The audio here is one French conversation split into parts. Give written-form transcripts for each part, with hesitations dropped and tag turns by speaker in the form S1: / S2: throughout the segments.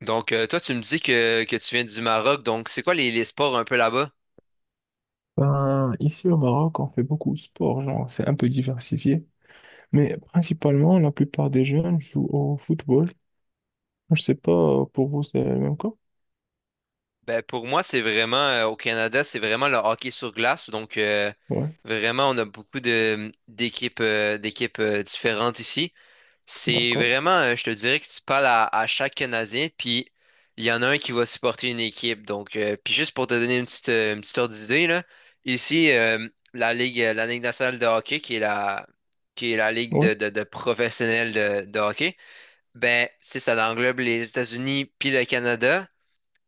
S1: Toi, tu me dis que tu viens du Maroc, donc c'est quoi les sports un peu là-bas?
S2: Ben, ici au Maroc, on fait beaucoup de sport, genre c'est un peu diversifié, mais principalement la plupart des jeunes jouent au football. Je sais pas, pour vous c'est le même cas?
S1: Ben, pour moi, c'est vraiment, au Canada, c'est vraiment le hockey sur glace. Donc, euh,
S2: Ouais,
S1: vraiment, on a beaucoup d'équipes, d'équipes différentes ici. C'est
S2: d'accord,
S1: vraiment, je te dirais que tu parles à chaque Canadien, puis il y en a un qui va supporter une équipe. Puis juste pour te donner une petite ordre d'idée, là, ici, la Ligue nationale de hockey, qui est qui est la Ligue
S2: ouais,
S1: de professionnels de hockey. Ben, ça englobe les États-Unis puis le Canada.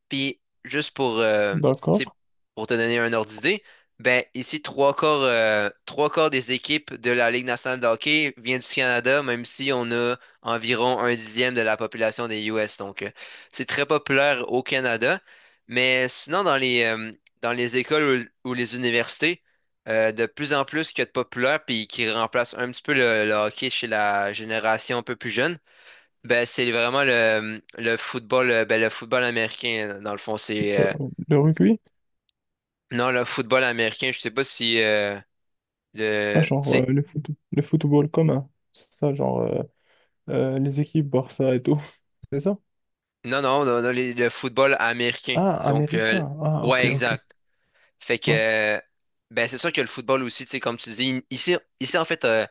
S1: Puis juste pour, tu sais,
S2: d'accord.
S1: pour te donner un ordre d'idée, ben ici, trois quarts des équipes de la Ligue nationale de hockey viennent du Canada, même si on a environ un dixième de la population des US. C'est très populaire au Canada. Mais sinon, dans dans les écoles ou les universités, de plus en plus qu'il y a de populaires puis qui remplacent un petit peu le hockey chez la génération un peu plus jeune. Ben, c'est vraiment le football, le football américain, dans le fond,
S2: Le, le rugby,
S1: non, le football américain, je sais pas si,
S2: ah,
S1: le, tu
S2: genre
S1: sais,
S2: le football commun, c'est ça, genre les équipes Barça et tout, c'est ça?
S1: non, non, non, non, le football américain.
S2: Ah,
S1: Donc, euh,
S2: américain, ah ok,
S1: ouais,
S2: ok,
S1: exact. Fait que,
S2: ouais,
S1: euh, ben, c'est sûr que le football aussi, tu sais, comme tu dis, ici, en fait,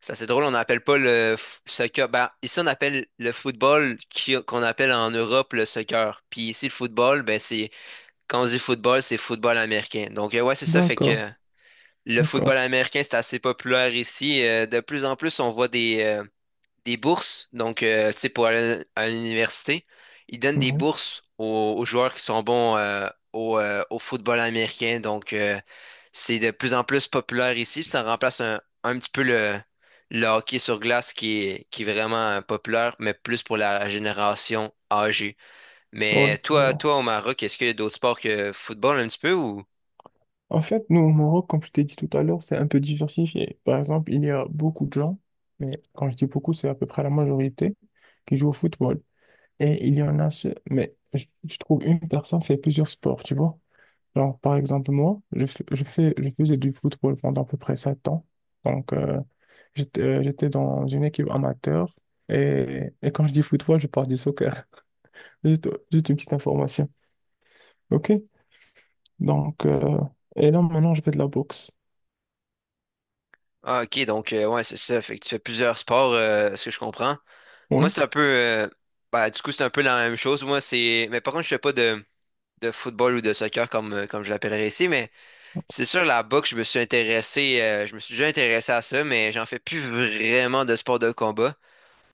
S1: c'est assez drôle, on n'appelle pas soccer, ben, ici, on appelle le football qu'on appelle en Europe le soccer. Puis ici, le football, ben, c'est, quand on dit football, c'est football américain. Ouais, c'est ça,
S2: d'accord,
S1: le
S2: d'accord,
S1: football américain, c'est assez populaire ici. De plus en plus, on voit des bourses. Tu sais, pour aller à l'université, ils donnent des
S2: ouais,
S1: bourses aux joueurs qui sont bons au, au football américain. C'est de plus en plus populaire ici. Puis ça remplace un petit peu le hockey sur glace qui est vraiment populaire, mais plus pour la génération âgée.
S2: ouais,
S1: Mais
S2: je vois.
S1: toi au Maroc, est-ce qu'il y a d'autres sports que football un petit peu ou?
S2: En fait, nous, au Maroc, comme je t'ai dit tout à l'heure, c'est un peu diversifié. Par exemple, il y a beaucoup de gens, mais quand je dis beaucoup, c'est à peu près la majorité, qui jouent au football. Et il y en a ceux, mais je trouve une personne fait plusieurs sports, tu vois. Genre, par exemple, moi, je faisais du football pendant à peu près 7 ans. Donc, j'étais dans une équipe amateur. Et quand je dis football, je parle du soccer. Juste une petite information. OK? Donc, et là, maintenant, je fais de la boxe.
S1: Ah, ok, ouais, c'est ça. Fait que tu fais plusieurs sports, ce que je comprends. Moi,
S2: Oui.
S1: c'est un peu c'est un peu la même chose. Moi, c'est. Mais par contre, je fais pas de, de football ou de soccer comme, comme je l'appellerais ici, mais c'est sûr la boxe, je me suis déjà intéressé à ça, mais j'en fais plus vraiment de sport de combat.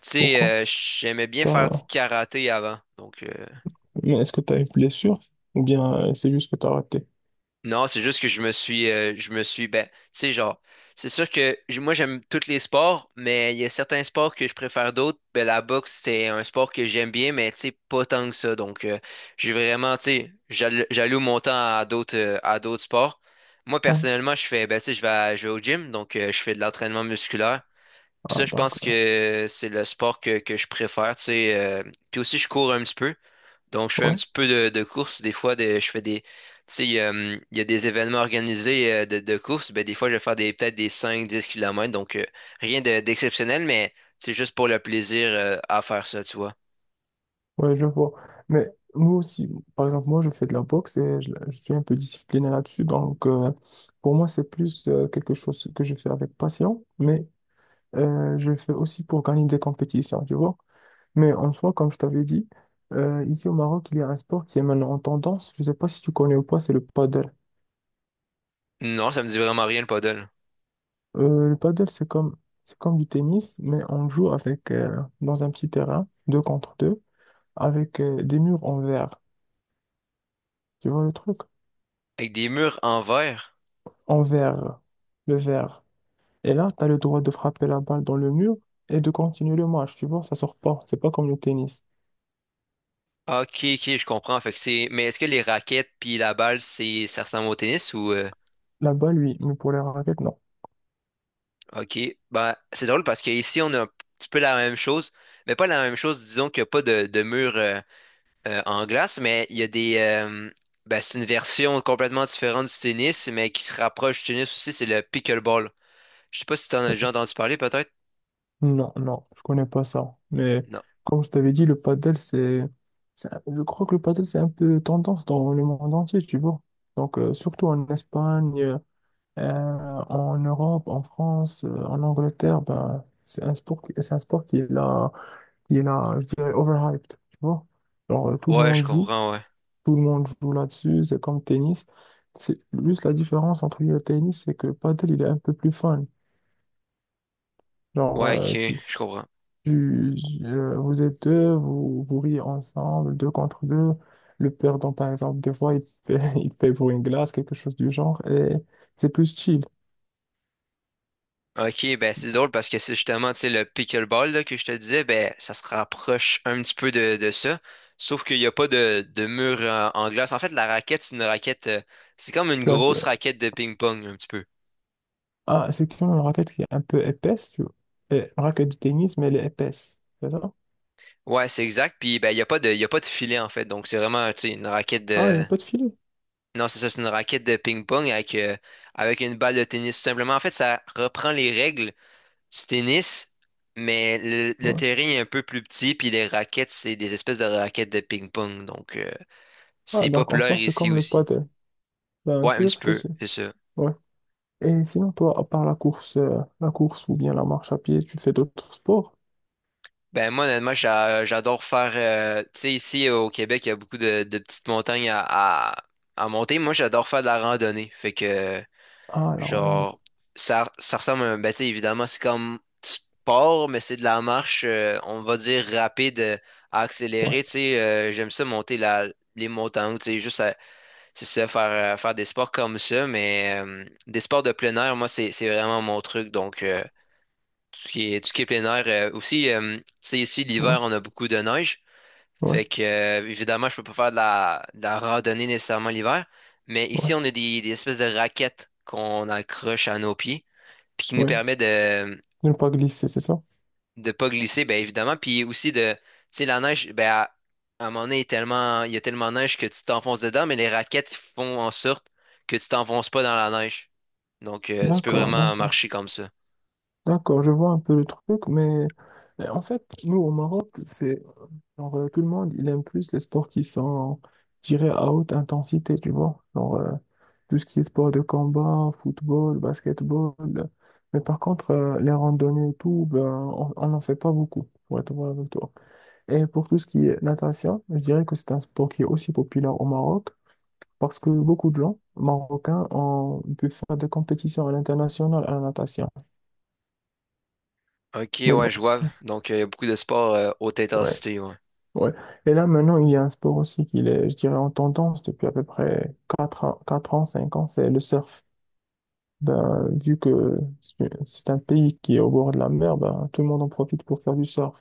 S1: Tu sais,
S2: Pourquoi?
S1: j'aimais bien faire du
S2: T'as-
S1: karaté avant.
S2: Mais est-ce que tu as une blessure ou bien c'est juste que tu as raté?
S1: Non, c'est juste que je me suis, ben, tu sais, genre, c'est sûr que moi j'aime tous les sports, mais il y a certains sports que je préfère d'autres. Ben, la boxe, c'est un sport que j'aime bien, mais tu sais, pas tant que ça. J'ai vraiment, tu sais, j'alloue mon temps à d'autres sports. Moi,
S2: Hein.
S1: personnellement, je fais, ben, tu sais, je vais au gym, je fais de l'entraînement musculaire. Puis
S2: Ah,
S1: ça, je
S2: donc,
S1: pense que c'est le sport que je préfère, tu sais. Puis aussi, je cours un petit peu. Donc, je fais un
S2: ouais,
S1: petit peu de course. Je fais des. Tu sais, il y a des événements organisés de course. Ben, des fois, je vais faire des, peut-être des 5 10 kilomètres. Rien d'exceptionnel, mais c'est juste pour le plaisir à faire ça, tu vois.
S2: ouais, je vois. Mais nous aussi, par exemple, moi, je fais de la boxe et je suis un peu discipliné là-dessus. Donc, pour moi, c'est plus quelque chose que je fais avec passion, mais je le fais aussi pour gagner des compétitions, tu vois. Mais en soi, comme je t'avais dit, ici au Maroc, il y a un sport qui est maintenant en tendance. Je ne sais pas si tu connais ou pas, c'est le paddle.
S1: Non, ça me dit vraiment rien le paddle.
S2: Le paddle, c'est comme, du tennis, mais on joue avec, dans un petit terrain, deux contre deux, avec des murs en verre. Tu vois le truc?
S1: Avec des murs en verre.
S2: En verre, le verre. Et là, tu as le droit de frapper la balle dans le mur et de continuer le match, tu vois, ça sort pas. C'est pas comme le tennis.
S1: Ah, ok, ok, je comprends. Fait que c'est. Mais est-ce que les raquettes puis la balle, c'est ça ressemble au tennis ou
S2: La balle, oui, mais pour les raquettes, non.
S1: ok. Bah c'est drôle parce qu'ici, on a un petit peu la même chose. Mais pas la même chose, disons qu'il n'y a pas de mur. En glace, mais il y a des. Ben, c'est une version complètement différente du tennis, mais qui se rapproche du tennis aussi, c'est le pickleball. Je sais pas si t'en as
S2: Ouais.
S1: déjà entendu parler, peut-être?
S2: Non, non, je connais pas ça. Mais
S1: Non.
S2: comme je t'avais dit, le padel, je crois que le padel, c'est un peu tendance dans le monde entier, tu vois. Donc, surtout en Espagne. Euh, en Europe, en France, en Angleterre, ben, c'est un sport, c'est un sport qui est là, je dirais, overhyped, tu vois. Genre,
S1: Ouais, je comprends, ouais.
S2: tout le monde joue là-dessus, c'est comme le tennis. C'est juste la différence entre lui et le tennis, c'est que le paddle, il est un peu plus fun. Genre,
S1: Ouais, ok, je comprends.
S2: tu- vous êtes deux, vous, vous riez ensemble, deux contre deux. Le perdant, par exemple, des fois, il paie, il paie pour une glace, quelque chose du genre, et c'est plus chill.
S1: Ok, ben c'est drôle parce que c'est justement, tu sais, le pickleball là, que je te disais, ben ça se rapproche un petit peu de ça, sauf qu'il n'y a pas de mur en glace. En fait, la raquette, c'est une raquette, c'est comme une grosse raquette de ping-pong, un petit peu.
S2: Ah, c'est comme une raquette qui est un peu épaisse, tu vois. Et une raquette de tennis, mais elle est épaisse. C'est ça?
S1: Ouais, c'est exact, puis ben il n'y a pas de, il y a pas de filet, en fait, donc c'est vraiment, tu sais, une raquette
S2: Ah, il n'y
S1: de,
S2: a pas de filet.
S1: non, c'est ça, c'est une raquette de ping-pong avec, avec une balle de tennis, tout simplement. En fait, ça reprend les règles du tennis, mais le
S2: Ouais.
S1: terrain est un peu plus petit, puis les raquettes, c'est des espèces de raquettes de ping-pong.
S2: Ah,
S1: C'est
S2: donc en
S1: populaire
S2: soi, c'est
S1: ici
S2: comme le
S1: aussi.
S2: paddle. Ben,
S1: Ouais, un petit
S2: peut-être que
S1: peu,
S2: c'est.
S1: c'est ça.
S2: Ouais. Et sinon, toi, à part la course ou bien la marche à pied, tu fais d'autres sports?
S1: Ben, moi, honnêtement, j'adore faire. Tu sais, ici au Québec, il y a beaucoup de petites montagnes à, à monter. Moi, j'adore faire de la randonnée. Fait que.
S2: Ah, la randonnée.
S1: Genre, ça ressemble à un. Ben, tu sais, évidemment, c'est comme sport, mais c'est de la marche, on va dire, rapide,
S2: Ouais,
S1: accélérée. Tu sais, j'aime ça monter les montagnes, tu sais, c'est ça, faire, faire des sports comme ça, mais des sports de plein air, moi, c'est vraiment mon truc. Tout ce qui est, tout ce qui est plein air. Aussi, tu sais, ici,
S2: ouais,
S1: l'hiver, on a beaucoup de neige.
S2: ouais,
S1: Évidemment, je peux pas faire de de la randonnée nécessairement l'hiver, mais
S2: ouais,
S1: ici, on a des espèces de raquettes qu'on accroche à nos pieds puis qui nous
S2: ouais.
S1: permet
S2: Ne pas glisser, c'est ça?
S1: de pas glisser, ben évidemment, puis aussi de, tu sais, la neige, ben à un moment donné, il est tellement, il y a tellement de neige que tu t'enfonces dedans, mais les raquettes font en sorte que tu t'enfonces pas dans la neige. Tu peux
S2: D'accord,
S1: vraiment
S2: d'accord.
S1: marcher comme ça.
S2: D'accord, je vois un peu le truc, mais en fait, nous au Maroc, c'est genre, tout le monde, il aime plus les sports qui sont tirés à haute intensité, tu vois. Genre, tout ce qui est sport de combat, football, basketball. Mais par contre, les randonnées et tout, ben, on n'en fait pas beaucoup, pour être vrai avec toi. Et pour tout ce qui est natation, je dirais que c'est un sport qui est aussi populaire au Maroc parce que beaucoup de gens marocains ont pu faire des compétitions à l'international à la natation.
S1: Ok,
S2: Mais
S1: ouais,
S2: bon.
S1: je vois. Il y a beaucoup de sports haute
S2: Ouais.
S1: intensité, ouais.
S2: Ouais. Et là, maintenant, il y a un sport aussi qui est, je dirais, en tendance depuis à peu près 4 ans, 4 ans, 5 ans, c'est le surf. Ben, vu que c'est un pays qui est au bord de la mer, ben, tout le monde en profite pour faire du surf.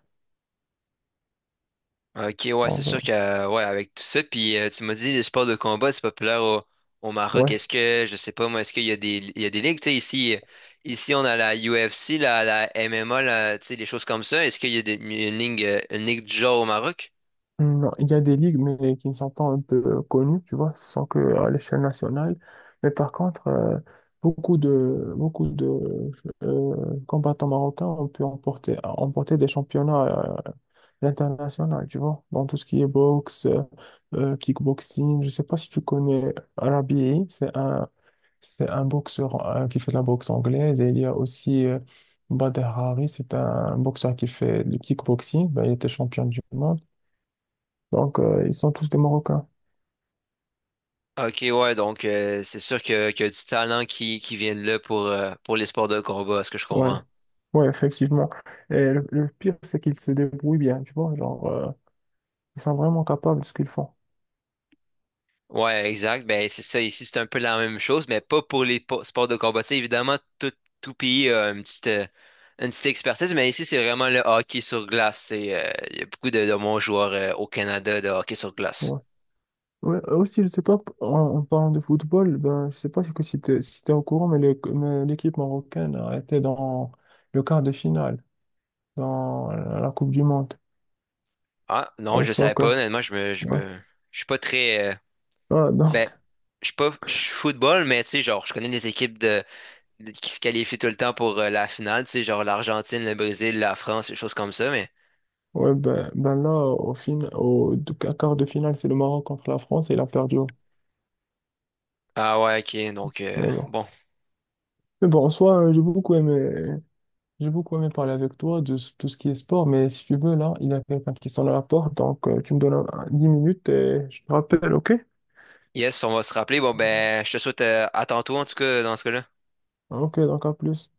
S1: Ok, ouais, c'est
S2: Donc,
S1: sûr que, ouais, avec tout ça, puis tu m'as dit, le sport de combat, c'est populaire au Maroc.
S2: ouais.
S1: Est-ce que, je sais pas, moi, est-ce qu'il y a des, il y a des ligues, tu sais, ici, on a la UFC, la MMA, tu sais, des choses comme ça. Est-ce qu'il y a une ligue du genre au Maroc?
S2: Hmm, non, il y a des ligues, mais qui ne sont pas un peu connues, tu vois, ce sont que à l'échelle nationale. Mais par contre, beaucoup de combattants marocains ont pu emporter des championnats l'international, tu vois, dans tout ce qui est boxe, kickboxing. Je sais pas si tu connais Rabi, c'est un boxeur qui fait de la boxe anglaise. Et il y a aussi Bader Hari, c'est un boxeur qui fait du kickboxing. Ben, il était champion du monde. Donc, ils sont tous des Marocains.
S1: Ok, ouais, c'est sûr que, qu'il y a du talent qui vient de là pour les sports de combat, à ce que je
S2: Ouais,
S1: comprends.
S2: ouais, effectivement. Et le pire, c'est qu'ils se débrouillent bien, tu vois. Genre, ils sont vraiment capables de ce qu'ils font.
S1: Ouais, exact. Ben, c'est ça. Ici, c'est un peu la même chose, mais pas pour les sports de combat. Tu sais, évidemment, tout pays a une petite expertise, mais ici, c'est vraiment le hockey sur glace. Tu sais, il y a beaucoup de bons joueurs au Canada de hockey sur glace.
S2: Ouais. Ouais, aussi, je sais pas, en parlant de football, ben, je sais pas si, que si tu si t'es au courant, mais l'équipe marocaine a été dans le quart de finale, dans la Coupe du Monde,
S1: Ah,
S2: pour
S1: non,
S2: le
S1: je savais pas.
S2: soccer.
S1: Honnêtement,
S2: Ouais.
S1: je suis pas très.
S2: Ah, non.
S1: Ben, je suis pas. Je suis football, mais tu sais, genre, je connais les équipes qui se qualifient tout le temps pour la finale. Tu sais, genre l'Argentine, le Brésil, la France, des choses comme ça, mais.
S2: Ouais, ben, ben là, au fin, au de- à quart de finale, c'est le Maroc contre la France et il a perdu, hein.
S1: Ah ouais, ok.
S2: Mais bon.
S1: Bon.
S2: Mais bon, en soi, j'ai beaucoup aimé parler avec toi tout ce qui est sport, mais si tu veux, là, il y a quelqu'un qui sonne à la porte, donc tu me donnes 10 minutes et je te rappelle, ok?
S1: Yes, on va se rappeler. Bon, ben, je te souhaite à tantôt, en tout cas, dans ce cas-là.
S2: Ok, donc à plus.